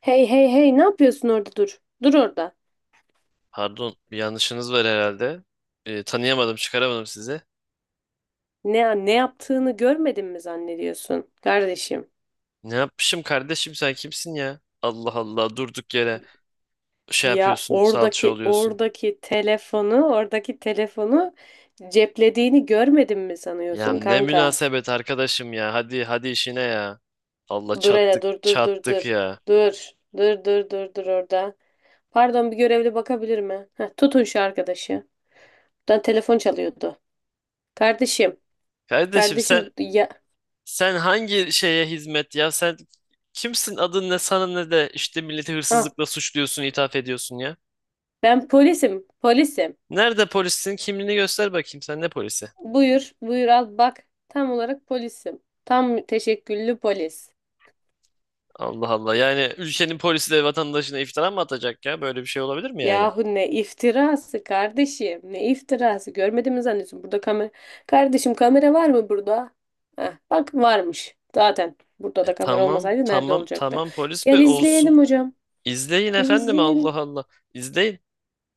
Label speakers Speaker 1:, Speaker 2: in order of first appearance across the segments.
Speaker 1: Hey hey hey, ne yapıyorsun orada? Dur. Dur orada.
Speaker 2: Pardon, bir yanlışınız var herhalde. Tanıyamadım, çıkaramadım sizi.
Speaker 1: Ne yaptığını görmedin mi zannediyorsun kardeşim?
Speaker 2: Ne yapmışım kardeşim, sen kimsin ya? Allah Allah, durduk yere şey
Speaker 1: Ya
Speaker 2: yapıyorsun, salça
Speaker 1: oradaki
Speaker 2: oluyorsun.
Speaker 1: oradaki telefonu, oradaki telefonu ceplediğini görmedin mi
Speaker 2: Ya
Speaker 1: sanıyorsun
Speaker 2: ne
Speaker 1: kanka?
Speaker 2: münasebet arkadaşım ya. Hadi hadi işine ya. Allah,
Speaker 1: Dur hele,
Speaker 2: çattık
Speaker 1: dur dur dur
Speaker 2: çattık
Speaker 1: dur.
Speaker 2: ya.
Speaker 1: Dur. Dur dur dur dur orada. Pardon, bir görevli bakabilir mi? Heh, tutun şu arkadaşı. Buradan telefon çalıyordu. Kardeşim.
Speaker 2: Kardeşim, sen
Speaker 1: Kardeşim ya.
Speaker 2: sen hangi şeye hizmet ya? Sen kimsin? Adın ne? Sana ne de işte milleti
Speaker 1: Ah,
Speaker 2: hırsızlıkla suçluyorsun, ithaf ediyorsun ya.
Speaker 1: Ben polisim. Polisim.
Speaker 2: Nerede polissin? Kimliğini göster bakayım. Sen ne polisi?
Speaker 1: Buyur, buyur al bak. Tam olarak polisim. Tam teşekküllü polis.
Speaker 2: Allah Allah. Yani ülkenin polisi de vatandaşına iftira mı atacak ya? Böyle bir şey olabilir mi yani?
Speaker 1: Yahu ne iftirası kardeşim, ne iftirası. Görmedi mi zannediyorsun burada kamera? Kardeşim, kamera var mı burada? Heh, bak varmış zaten. Burada
Speaker 2: E,
Speaker 1: da kamera
Speaker 2: tamam
Speaker 1: olmasaydı nerede
Speaker 2: tamam
Speaker 1: olacaktı?
Speaker 2: tamam, polis
Speaker 1: Gel
Speaker 2: be olsun.
Speaker 1: izleyelim hocam.
Speaker 2: İzleyin
Speaker 1: Gel
Speaker 2: efendim, Allah
Speaker 1: izleyelim.
Speaker 2: Allah. İzleyin.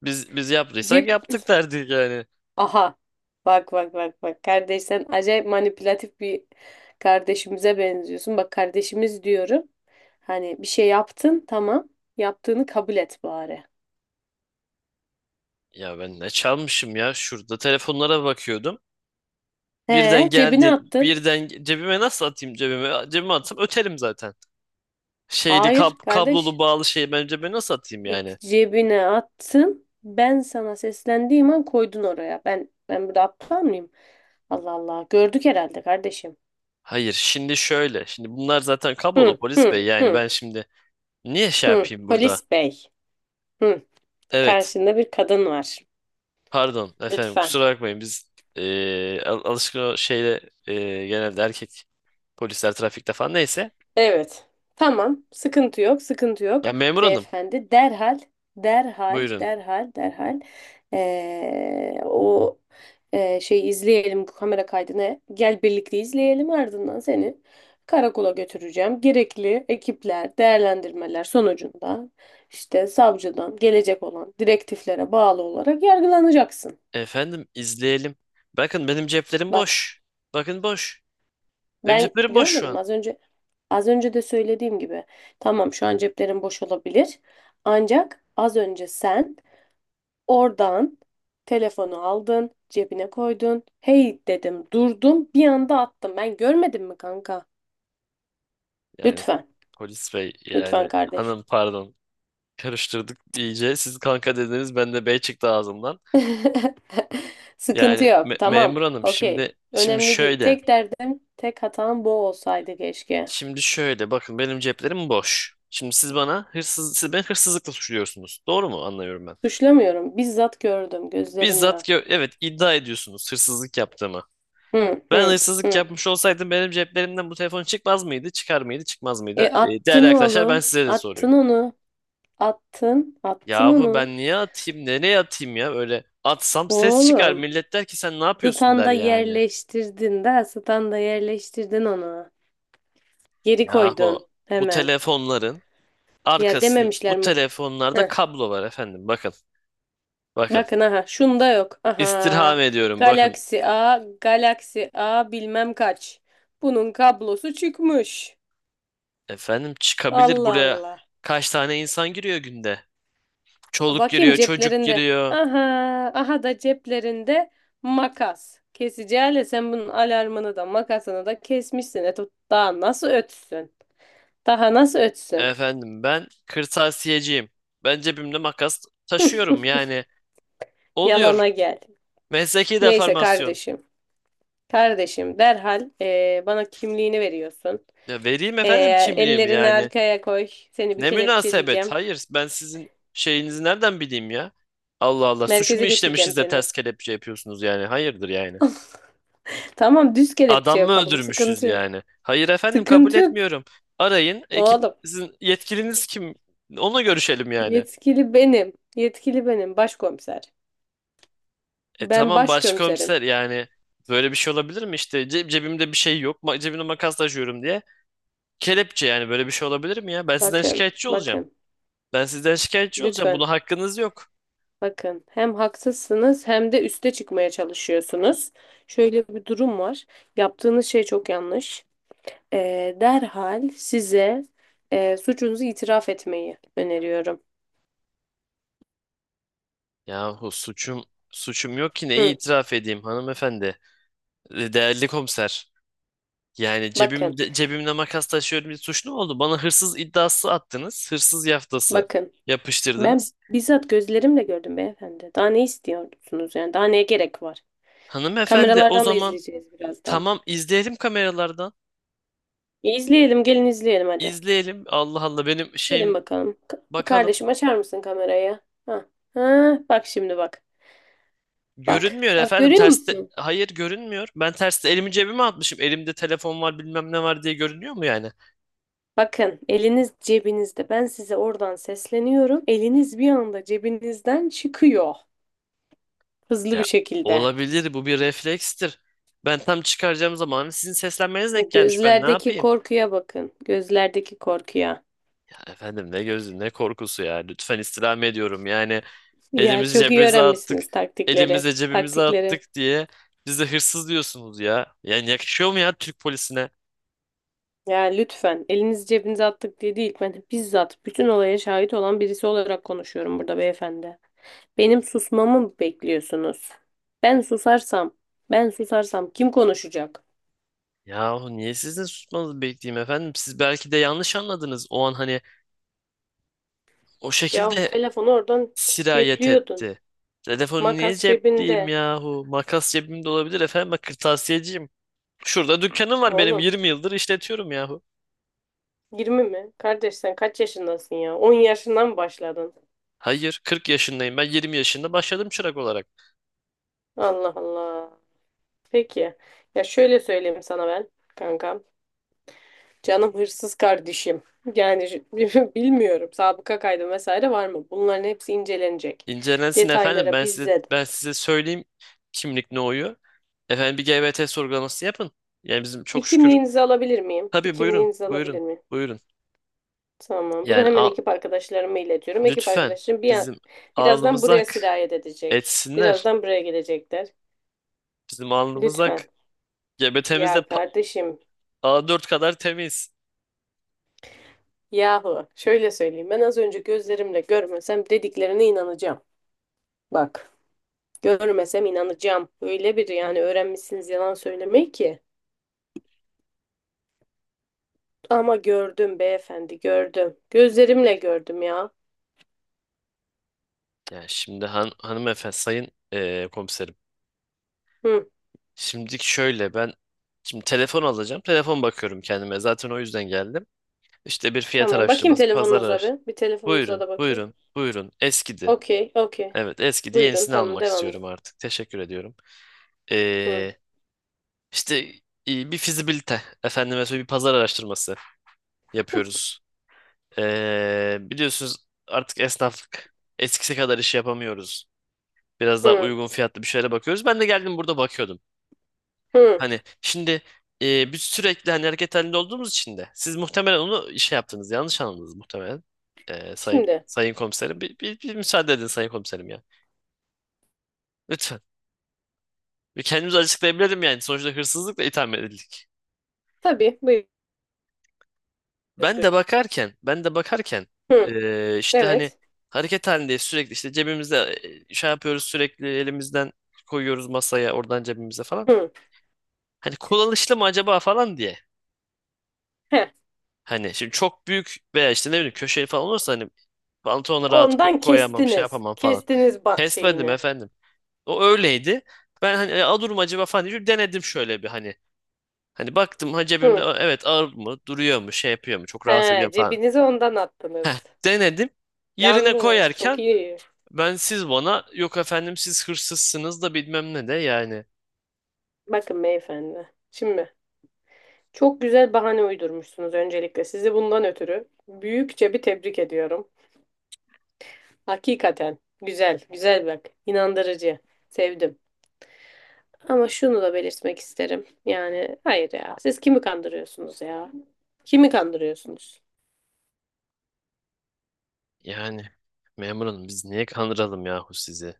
Speaker 2: Biz yaptıysak
Speaker 1: Cep.
Speaker 2: yaptık derdik yani.
Speaker 1: Aha. Bak bak bak bak. Kardeş, sen acayip manipülatif bir kardeşimize benziyorsun. Bak, kardeşimiz diyorum. Hani bir şey yaptın tamam. Yaptığını kabul et bari.
Speaker 2: Ya ben ne çalmışım ya? Şurada telefonlara bakıyordum. Birden
Speaker 1: He, cebine
Speaker 2: geldin.
Speaker 1: attın.
Speaker 2: Cebime nasıl atayım cebime? Cebime atsam öterim zaten. Şeyli
Speaker 1: Hayır
Speaker 2: kablolu
Speaker 1: kardeş.
Speaker 2: bağlı şeyi ben cebime nasıl atayım yani?
Speaker 1: Peki, cebine attın. Ben sana seslendiğim an koydun oraya. Ben burada aptal mıyım? Allah Allah. Gördük herhalde kardeşim.
Speaker 2: Hayır şimdi şöyle. Şimdi bunlar zaten kablolu
Speaker 1: Hı
Speaker 2: polis
Speaker 1: hı
Speaker 2: bey, yani
Speaker 1: hı
Speaker 2: ben şimdi niye şey
Speaker 1: hı.
Speaker 2: yapayım burada?
Speaker 1: Polis bey. Hı.
Speaker 2: Evet.
Speaker 1: Karşında bir kadın var.
Speaker 2: Pardon efendim,
Speaker 1: Lütfen.
Speaker 2: kusura bakmayın, biz alışkın o şeyle, genelde erkek polisler trafikte falan, neyse.
Speaker 1: Evet. Tamam. Sıkıntı yok, sıkıntı yok.
Speaker 2: Ya memur hanım,
Speaker 1: Beyefendi, derhal, derhal,
Speaker 2: buyurun.
Speaker 1: derhal, derhal, o şey izleyelim, bu kamera kaydını. Gel birlikte izleyelim, ardından seni karakola götüreceğim. Gerekli ekipler, değerlendirmeler sonucunda, işte savcıdan gelecek olan direktiflere bağlı olarak yargılanacaksın.
Speaker 2: Efendim, izleyelim. Bakın, benim ceplerim
Speaker 1: Bak.
Speaker 2: boş. Bakın boş. Benim
Speaker 1: Ben
Speaker 2: ceplerim boş şu
Speaker 1: görmedim
Speaker 2: an.
Speaker 1: az önce de söylediğim gibi. Tamam, şu an ceplerin boş olabilir. Ancak az önce sen oradan telefonu aldın, cebine koydun. Hey dedim, durdum, bir anda attım. Ben görmedim mi kanka?
Speaker 2: Yani
Speaker 1: Lütfen.
Speaker 2: polis bey,
Speaker 1: Lütfen
Speaker 2: yani
Speaker 1: kardeşim.
Speaker 2: hanım, pardon, karıştırdık iyice. Siz kanka dediniz, ben de bey çıktı ağzımdan.
Speaker 1: Sıkıntı
Speaker 2: Yani
Speaker 1: yok. Tamam.
Speaker 2: memur hanım,
Speaker 1: Okey.
Speaker 2: şimdi şimdi
Speaker 1: Önemli değil.
Speaker 2: şöyle.
Speaker 1: Tek derdim, tek hatam bu olsaydı keşke.
Speaker 2: Şimdi şöyle bakın, benim ceplerim boş. Şimdi siz bana hırsız, siz beni hırsızlıkla suçluyorsunuz. Doğru mu anlıyorum ben?
Speaker 1: Suçlamıyorum. Bizzat gördüm gözlerimle.
Speaker 2: Evet, iddia ediyorsunuz hırsızlık yaptığımı.
Speaker 1: Hı
Speaker 2: Ben
Speaker 1: hı
Speaker 2: hırsızlık
Speaker 1: hı.
Speaker 2: yapmış olsaydım benim ceplerimden bu telefon çıkmaz mıydı? Çıkar mıydı? Çıkmaz
Speaker 1: E
Speaker 2: mıydı? Değerli
Speaker 1: attın
Speaker 2: arkadaşlar, ben
Speaker 1: oğlum.
Speaker 2: size de
Speaker 1: Attın
Speaker 2: soruyorum.
Speaker 1: onu. Attın. Attın
Speaker 2: Yahu
Speaker 1: onu.
Speaker 2: ben niye atayım? Nereye atayım ya? Öyle atsam ses çıkar.
Speaker 1: Oğlum.
Speaker 2: Millet der ki sen ne yapıyorsun der
Speaker 1: Standa
Speaker 2: yani.
Speaker 1: yerleştirdin de. Standa yerleştirdin onu. Geri
Speaker 2: Yahu
Speaker 1: koydun.
Speaker 2: bu
Speaker 1: Hemen.
Speaker 2: telefonların
Speaker 1: Ya
Speaker 2: arkasın, bu
Speaker 1: dememişler mi?
Speaker 2: telefonlarda
Speaker 1: Heh.
Speaker 2: kablo var efendim. Bakın bakın.
Speaker 1: Bakın aha. Şunda yok. Aha.
Speaker 2: İstirham ediyorum, bakın
Speaker 1: Galaxy A. Galaxy A bilmem kaç. Bunun kablosu çıkmış.
Speaker 2: efendim, çıkabilir
Speaker 1: Allah
Speaker 2: buraya
Speaker 1: Allah.
Speaker 2: kaç tane insan giriyor günde? Çoluk
Speaker 1: Bakayım
Speaker 2: giriyor, çocuk
Speaker 1: ceplerinde.
Speaker 2: giriyor.
Speaker 1: Aha, aha da ceplerinde makas. Kesici alet, sen bunun alarmını da makasını da kesmişsin. E tut- daha nasıl ötsün? Daha nasıl ötsün?
Speaker 2: Efendim, ben kırtasiyeciyim. Ben cebimde makas taşıyorum yani.
Speaker 1: Yalana
Speaker 2: Oluyor.
Speaker 1: gel.
Speaker 2: Mesleki
Speaker 1: Neyse
Speaker 2: deformasyon.
Speaker 1: kardeşim. Kardeşim derhal, bana kimliğini veriyorsun.
Speaker 2: Ya vereyim efendim kimliğimi
Speaker 1: Ellerini
Speaker 2: yani.
Speaker 1: arkaya koy. Seni bir
Speaker 2: Ne münasebet.
Speaker 1: kelepçeleyeceğim.
Speaker 2: Hayır, ben sizin şeyinizi nereden bileyim ya? Allah Allah, suç mu
Speaker 1: Merkeze götüreceğim
Speaker 2: işlemişiz de
Speaker 1: seni.
Speaker 2: ters kelepçe yapıyorsunuz yani? Hayırdır yani.
Speaker 1: Tamam, düz kelepçe
Speaker 2: Adam mı
Speaker 1: yapalım.
Speaker 2: öldürmüşüz
Speaker 1: Sıkıntı yok.
Speaker 2: yani? Hayır efendim, kabul
Speaker 1: Sıkıntı yok.
Speaker 2: etmiyorum. Arayın ekip,
Speaker 1: Oğlum,
Speaker 2: sizin yetkiliniz kim? Onunla görüşelim yani.
Speaker 1: yetkili benim. Yetkili benim, başkomiser.
Speaker 2: E
Speaker 1: Ben
Speaker 2: tamam,
Speaker 1: başkomiserim.
Speaker 2: başkomiser yani böyle bir şey olabilir mi, işte cebimde bir şey yok, cebimde makas taşıyorum diye? Kelepçe yani, böyle bir şey olabilir mi ya? Ben sizden
Speaker 1: Bakın,
Speaker 2: şikayetçi olacağım.
Speaker 1: bakın,
Speaker 2: Ben sizden şikayetçi olacağım.
Speaker 1: lütfen
Speaker 2: Buna hakkınız yok.
Speaker 1: bakın. Hem haksızsınız, hem de üste çıkmaya çalışıyorsunuz. Şöyle bir durum var. Yaptığınız şey çok yanlış. Derhal size, suçunuzu itiraf etmeyi öneriyorum.
Speaker 2: Yahu suçum yok ki, neyi
Speaker 1: Hı,
Speaker 2: itiraf edeyim hanımefendi? Değerli komiser. Yani
Speaker 1: bakın,
Speaker 2: cebimde, cebimde makas taşıyorum diye suçlu mu oldu? Bana hırsız iddiası attınız. Hırsız yaftası
Speaker 1: bakın. Ben
Speaker 2: yapıştırdınız.
Speaker 1: bizzat gözlerimle gördüm beyefendi. Daha ne istiyorsunuz yani? Daha neye gerek var?
Speaker 2: Hanımefendi, o
Speaker 1: Kameralardan da
Speaker 2: zaman
Speaker 1: izleyeceğiz birazdan.
Speaker 2: tamam, izleyelim kameralardan.
Speaker 1: İzleyelim, gelin izleyelim hadi.
Speaker 2: İzleyelim. Allah Allah, benim
Speaker 1: Gelin
Speaker 2: şeyim
Speaker 1: bakalım.
Speaker 2: bakalım.
Speaker 1: Kardeşim, açar mısın kamerayı? Ha. Ha, bak şimdi bak. Bak.
Speaker 2: Görünmüyor
Speaker 1: Bak,
Speaker 2: efendim
Speaker 1: görüyor
Speaker 2: terste.
Speaker 1: musun?
Speaker 2: Hayır görünmüyor. Ben terste elimi cebime atmışım. Elimde telefon var, bilmem ne var diye görünüyor mu yani?
Speaker 1: Bakın, eliniz cebinizde. Ben size oradan sesleniyorum. Eliniz bir anda cebinizden çıkıyor. Hızlı bir
Speaker 2: Ya
Speaker 1: şekilde.
Speaker 2: olabilir, bu bir reflekstir. Ben tam çıkaracağım zaman, hani sizin seslenmeniz denk gelmiş. Ben ne
Speaker 1: Gözlerdeki
Speaker 2: yapayım?
Speaker 1: korkuya bakın. Gözlerdeki korkuya.
Speaker 2: Efendim, ne gözü, ne korkusu ya. Lütfen, istirham ediyorum. Yani
Speaker 1: Ya
Speaker 2: elimizi
Speaker 1: çok iyi
Speaker 2: cebimize attık.
Speaker 1: öğrenmişsiniz taktikleri.
Speaker 2: Elimize cebimize attık
Speaker 1: Taktikleri.
Speaker 2: diye bize hırsız diyorsunuz ya. Yani yakışıyor mu ya Türk polisine?
Speaker 1: Ya lütfen, elinizi cebinize attık diye değil. Ben bizzat bütün olaya şahit olan birisi olarak konuşuyorum burada beyefendi. Benim susmamı mı bekliyorsunuz? Ben susarsam, ben susarsam kim konuşacak?
Speaker 2: Yahu niye sizin susmanızı bekleyeyim efendim? Siz belki de yanlış anladınız. O an hani o
Speaker 1: Yahu
Speaker 2: şekilde
Speaker 1: telefonu oradan
Speaker 2: sirayet
Speaker 1: cepliyordun.
Speaker 2: etti. Telefonu niye
Speaker 1: Makas
Speaker 2: cepliyim
Speaker 1: cebinde.
Speaker 2: yahu? Makas cebimde olabilir efendim. Bak, kırtasiyeciyim. Şurada dükkanım var, benim
Speaker 1: Oğlum.
Speaker 2: 20 yıldır işletiyorum yahu.
Speaker 1: 20 mi? Kardeş, sen kaç yaşındasın ya? 10 yaşından mı başladın?
Speaker 2: Hayır 40 yaşındayım, ben 20 yaşında başladım çırak olarak.
Speaker 1: Allah Allah. Peki. Ya şöyle söyleyeyim sana ben, kankam. Canım hırsız kardeşim. Yani şu- bilmiyorum, sabıka kaydı vesaire var mı? Bunların hepsi incelenecek.
Speaker 2: İncelensin efendim.
Speaker 1: Detaylara
Speaker 2: Ben size,
Speaker 1: bizzat.
Speaker 2: ben size söyleyeyim kimlik ne oyu. Efendim, bir GBT sorgulaması yapın. Yani bizim
Speaker 1: Bir
Speaker 2: çok şükür.
Speaker 1: kimliğinizi alabilir miyim? Bir
Speaker 2: Tabii buyurun,
Speaker 1: kimliğinizi alabilir
Speaker 2: buyurun,
Speaker 1: miyim?
Speaker 2: buyurun.
Speaker 1: Tamam. Bunu
Speaker 2: Yani
Speaker 1: hemen
Speaker 2: al,
Speaker 1: ekip arkadaşlarıma iletiyorum. Ekip
Speaker 2: lütfen,
Speaker 1: arkadaşlarım
Speaker 2: bizim
Speaker 1: birazdan
Speaker 2: alnımız
Speaker 1: buraya
Speaker 2: ak
Speaker 1: sirayet edecek.
Speaker 2: etsinler.
Speaker 1: Birazdan buraya gelecekler.
Speaker 2: Bizim alnımız ak.
Speaker 1: Lütfen.
Speaker 2: GBT'miz de
Speaker 1: Ya kardeşim.
Speaker 2: A4 kadar temiz.
Speaker 1: Yahu. Şöyle söyleyeyim. Ben az önce gözlerimle görmesem dediklerine inanacağım. Bak. Görmesem inanacağım. Öyle bir, yani öğrenmişsiniz yalan söylemeyi ki. Ama gördüm beyefendi, gördüm. Gözlerimle gördüm ya.
Speaker 2: Yani şimdi hanımefendi, sayın komiserim.
Speaker 1: Hı.
Speaker 2: Şimdi şöyle, ben şimdi telefon alacağım. Telefon bakıyorum kendime. Zaten o yüzden geldim. İşte bir fiyat
Speaker 1: Tamam. Bakayım
Speaker 2: araştırması, pazar
Speaker 1: telefonunuza
Speaker 2: araştırması.
Speaker 1: bir. Bir telefonunuza
Speaker 2: Buyurun,
Speaker 1: da bakayım.
Speaker 2: buyurun, buyurun. Eskidi.
Speaker 1: Okey. Okey.
Speaker 2: Evet, eski diye
Speaker 1: Buyurun.
Speaker 2: yenisini
Speaker 1: Tamam.
Speaker 2: almak
Speaker 1: Devam edin.
Speaker 2: istiyorum artık. Teşekkür ediyorum.
Speaker 1: Hı.
Speaker 2: Ee, işte bir fizibilite, efendime söyleyeyim, bir pazar araştırması yapıyoruz. Biliyorsunuz, artık esnaflık eskisi kadar iş yapamıyoruz. Biraz daha
Speaker 1: Hı.
Speaker 2: uygun fiyatlı bir şeylere bakıyoruz. Ben de geldim, burada bakıyordum.
Speaker 1: Hı.
Speaker 2: Hani şimdi biz sürekli hani hareket halinde olduğumuz için de siz muhtemelen onu işe yaptınız. Yanlış anladınız muhtemelen. Sayın
Speaker 1: Şimdi.
Speaker 2: sayın komiserim, bir müsaade edin sayın komiserim ya. Lütfen. Ve kendimizi açıklayabilirim yani. Sonuçta hırsızlıkla itham edildik.
Speaker 1: Tabii. Buyur. Özgür.
Speaker 2: Ben de bakarken
Speaker 1: Hı.
Speaker 2: işte hani
Speaker 1: Evet.
Speaker 2: hareket halindeyiz sürekli, işte cebimizde şey yapıyoruz, sürekli elimizden koyuyoruz masaya, oradan cebimize falan.
Speaker 1: Hı.
Speaker 2: Hani kullanışlı mı acaba falan diye.
Speaker 1: Heh.
Speaker 2: Hani şimdi çok büyük veya işte ne bileyim köşeli falan olursa, hani pantolona rahat
Speaker 1: Ondan
Speaker 2: koyamam, şey
Speaker 1: kestiniz.
Speaker 2: yapamam falan.
Speaker 1: Kestiniz
Speaker 2: Test verdim
Speaker 1: şeyini.
Speaker 2: efendim. O öyleydi. Ben hani, "E, alır mı acaba" falan diye denedim şöyle bir hani. Hani baktım, ha cebimde,
Speaker 1: Hı.
Speaker 2: "Aa, evet, ağır mı, duruyor mu, şey yapıyor mu, çok
Speaker 1: He,
Speaker 2: rahatsız ediyor mu" falan.
Speaker 1: cebinize ondan
Speaker 2: Heh,
Speaker 1: attınız.
Speaker 2: denedim. Yerine
Speaker 1: Yalnız çok
Speaker 2: koyarken
Speaker 1: iyi.
Speaker 2: ben, siz bana "Yok efendim, siz hırsızsınız" da bilmem ne de yani.
Speaker 1: Bakın beyefendi. Şimdi çok güzel bahane uydurmuşsunuz öncelikle. Sizi bundan ötürü büyükçe bir tebrik ediyorum. Hakikaten güzel, güzel bak. İnandırıcı. Sevdim. Ama şunu da belirtmek isterim. Yani hayır ya. Siz kimi kandırıyorsunuz ya? Kimi kandırıyorsunuz?
Speaker 2: Yani memur hanım, biz niye kandıralım yahu sizi?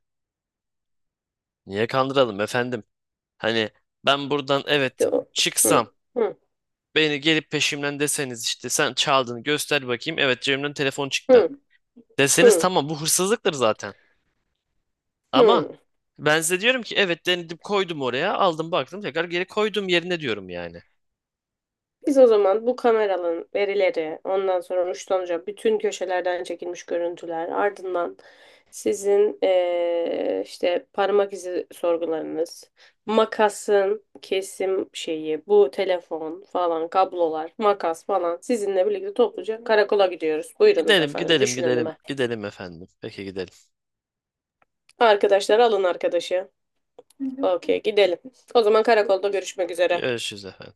Speaker 2: Niye kandıralım efendim? Hani ben buradan evet
Speaker 1: De o- Hı,
Speaker 2: çıksam,
Speaker 1: hı,
Speaker 2: beni gelip peşimden deseniz işte sen çaldın, göster bakayım", evet cebimden telefon çıktı
Speaker 1: hı,
Speaker 2: deseniz,
Speaker 1: hı,
Speaker 2: tamam, bu hırsızlıktır zaten. Ama
Speaker 1: hı.
Speaker 2: ben size diyorum ki evet, denedim, koydum oraya, aldım baktım, tekrar geri koydum yerine diyorum yani.
Speaker 1: Biz o zaman bu kameraların verileri, ondan sonra uçlanacak bütün köşelerden çekilmiş görüntüler, ardından sizin, işte parmak izi sorgularınız, makasın kesim şeyi, bu telefon falan, kablolar, makas falan, sizinle birlikte topluca karakola gidiyoruz. Buyurunuz
Speaker 2: Gidelim
Speaker 1: efendim,
Speaker 2: gidelim
Speaker 1: düşün
Speaker 2: gidelim
Speaker 1: önüme.
Speaker 2: gidelim efendim. Peki gidelim.
Speaker 1: Arkadaşlar, alın arkadaşı. Okey, gidelim. O zaman karakolda görüşmek üzere.
Speaker 2: Görüşürüz efendim.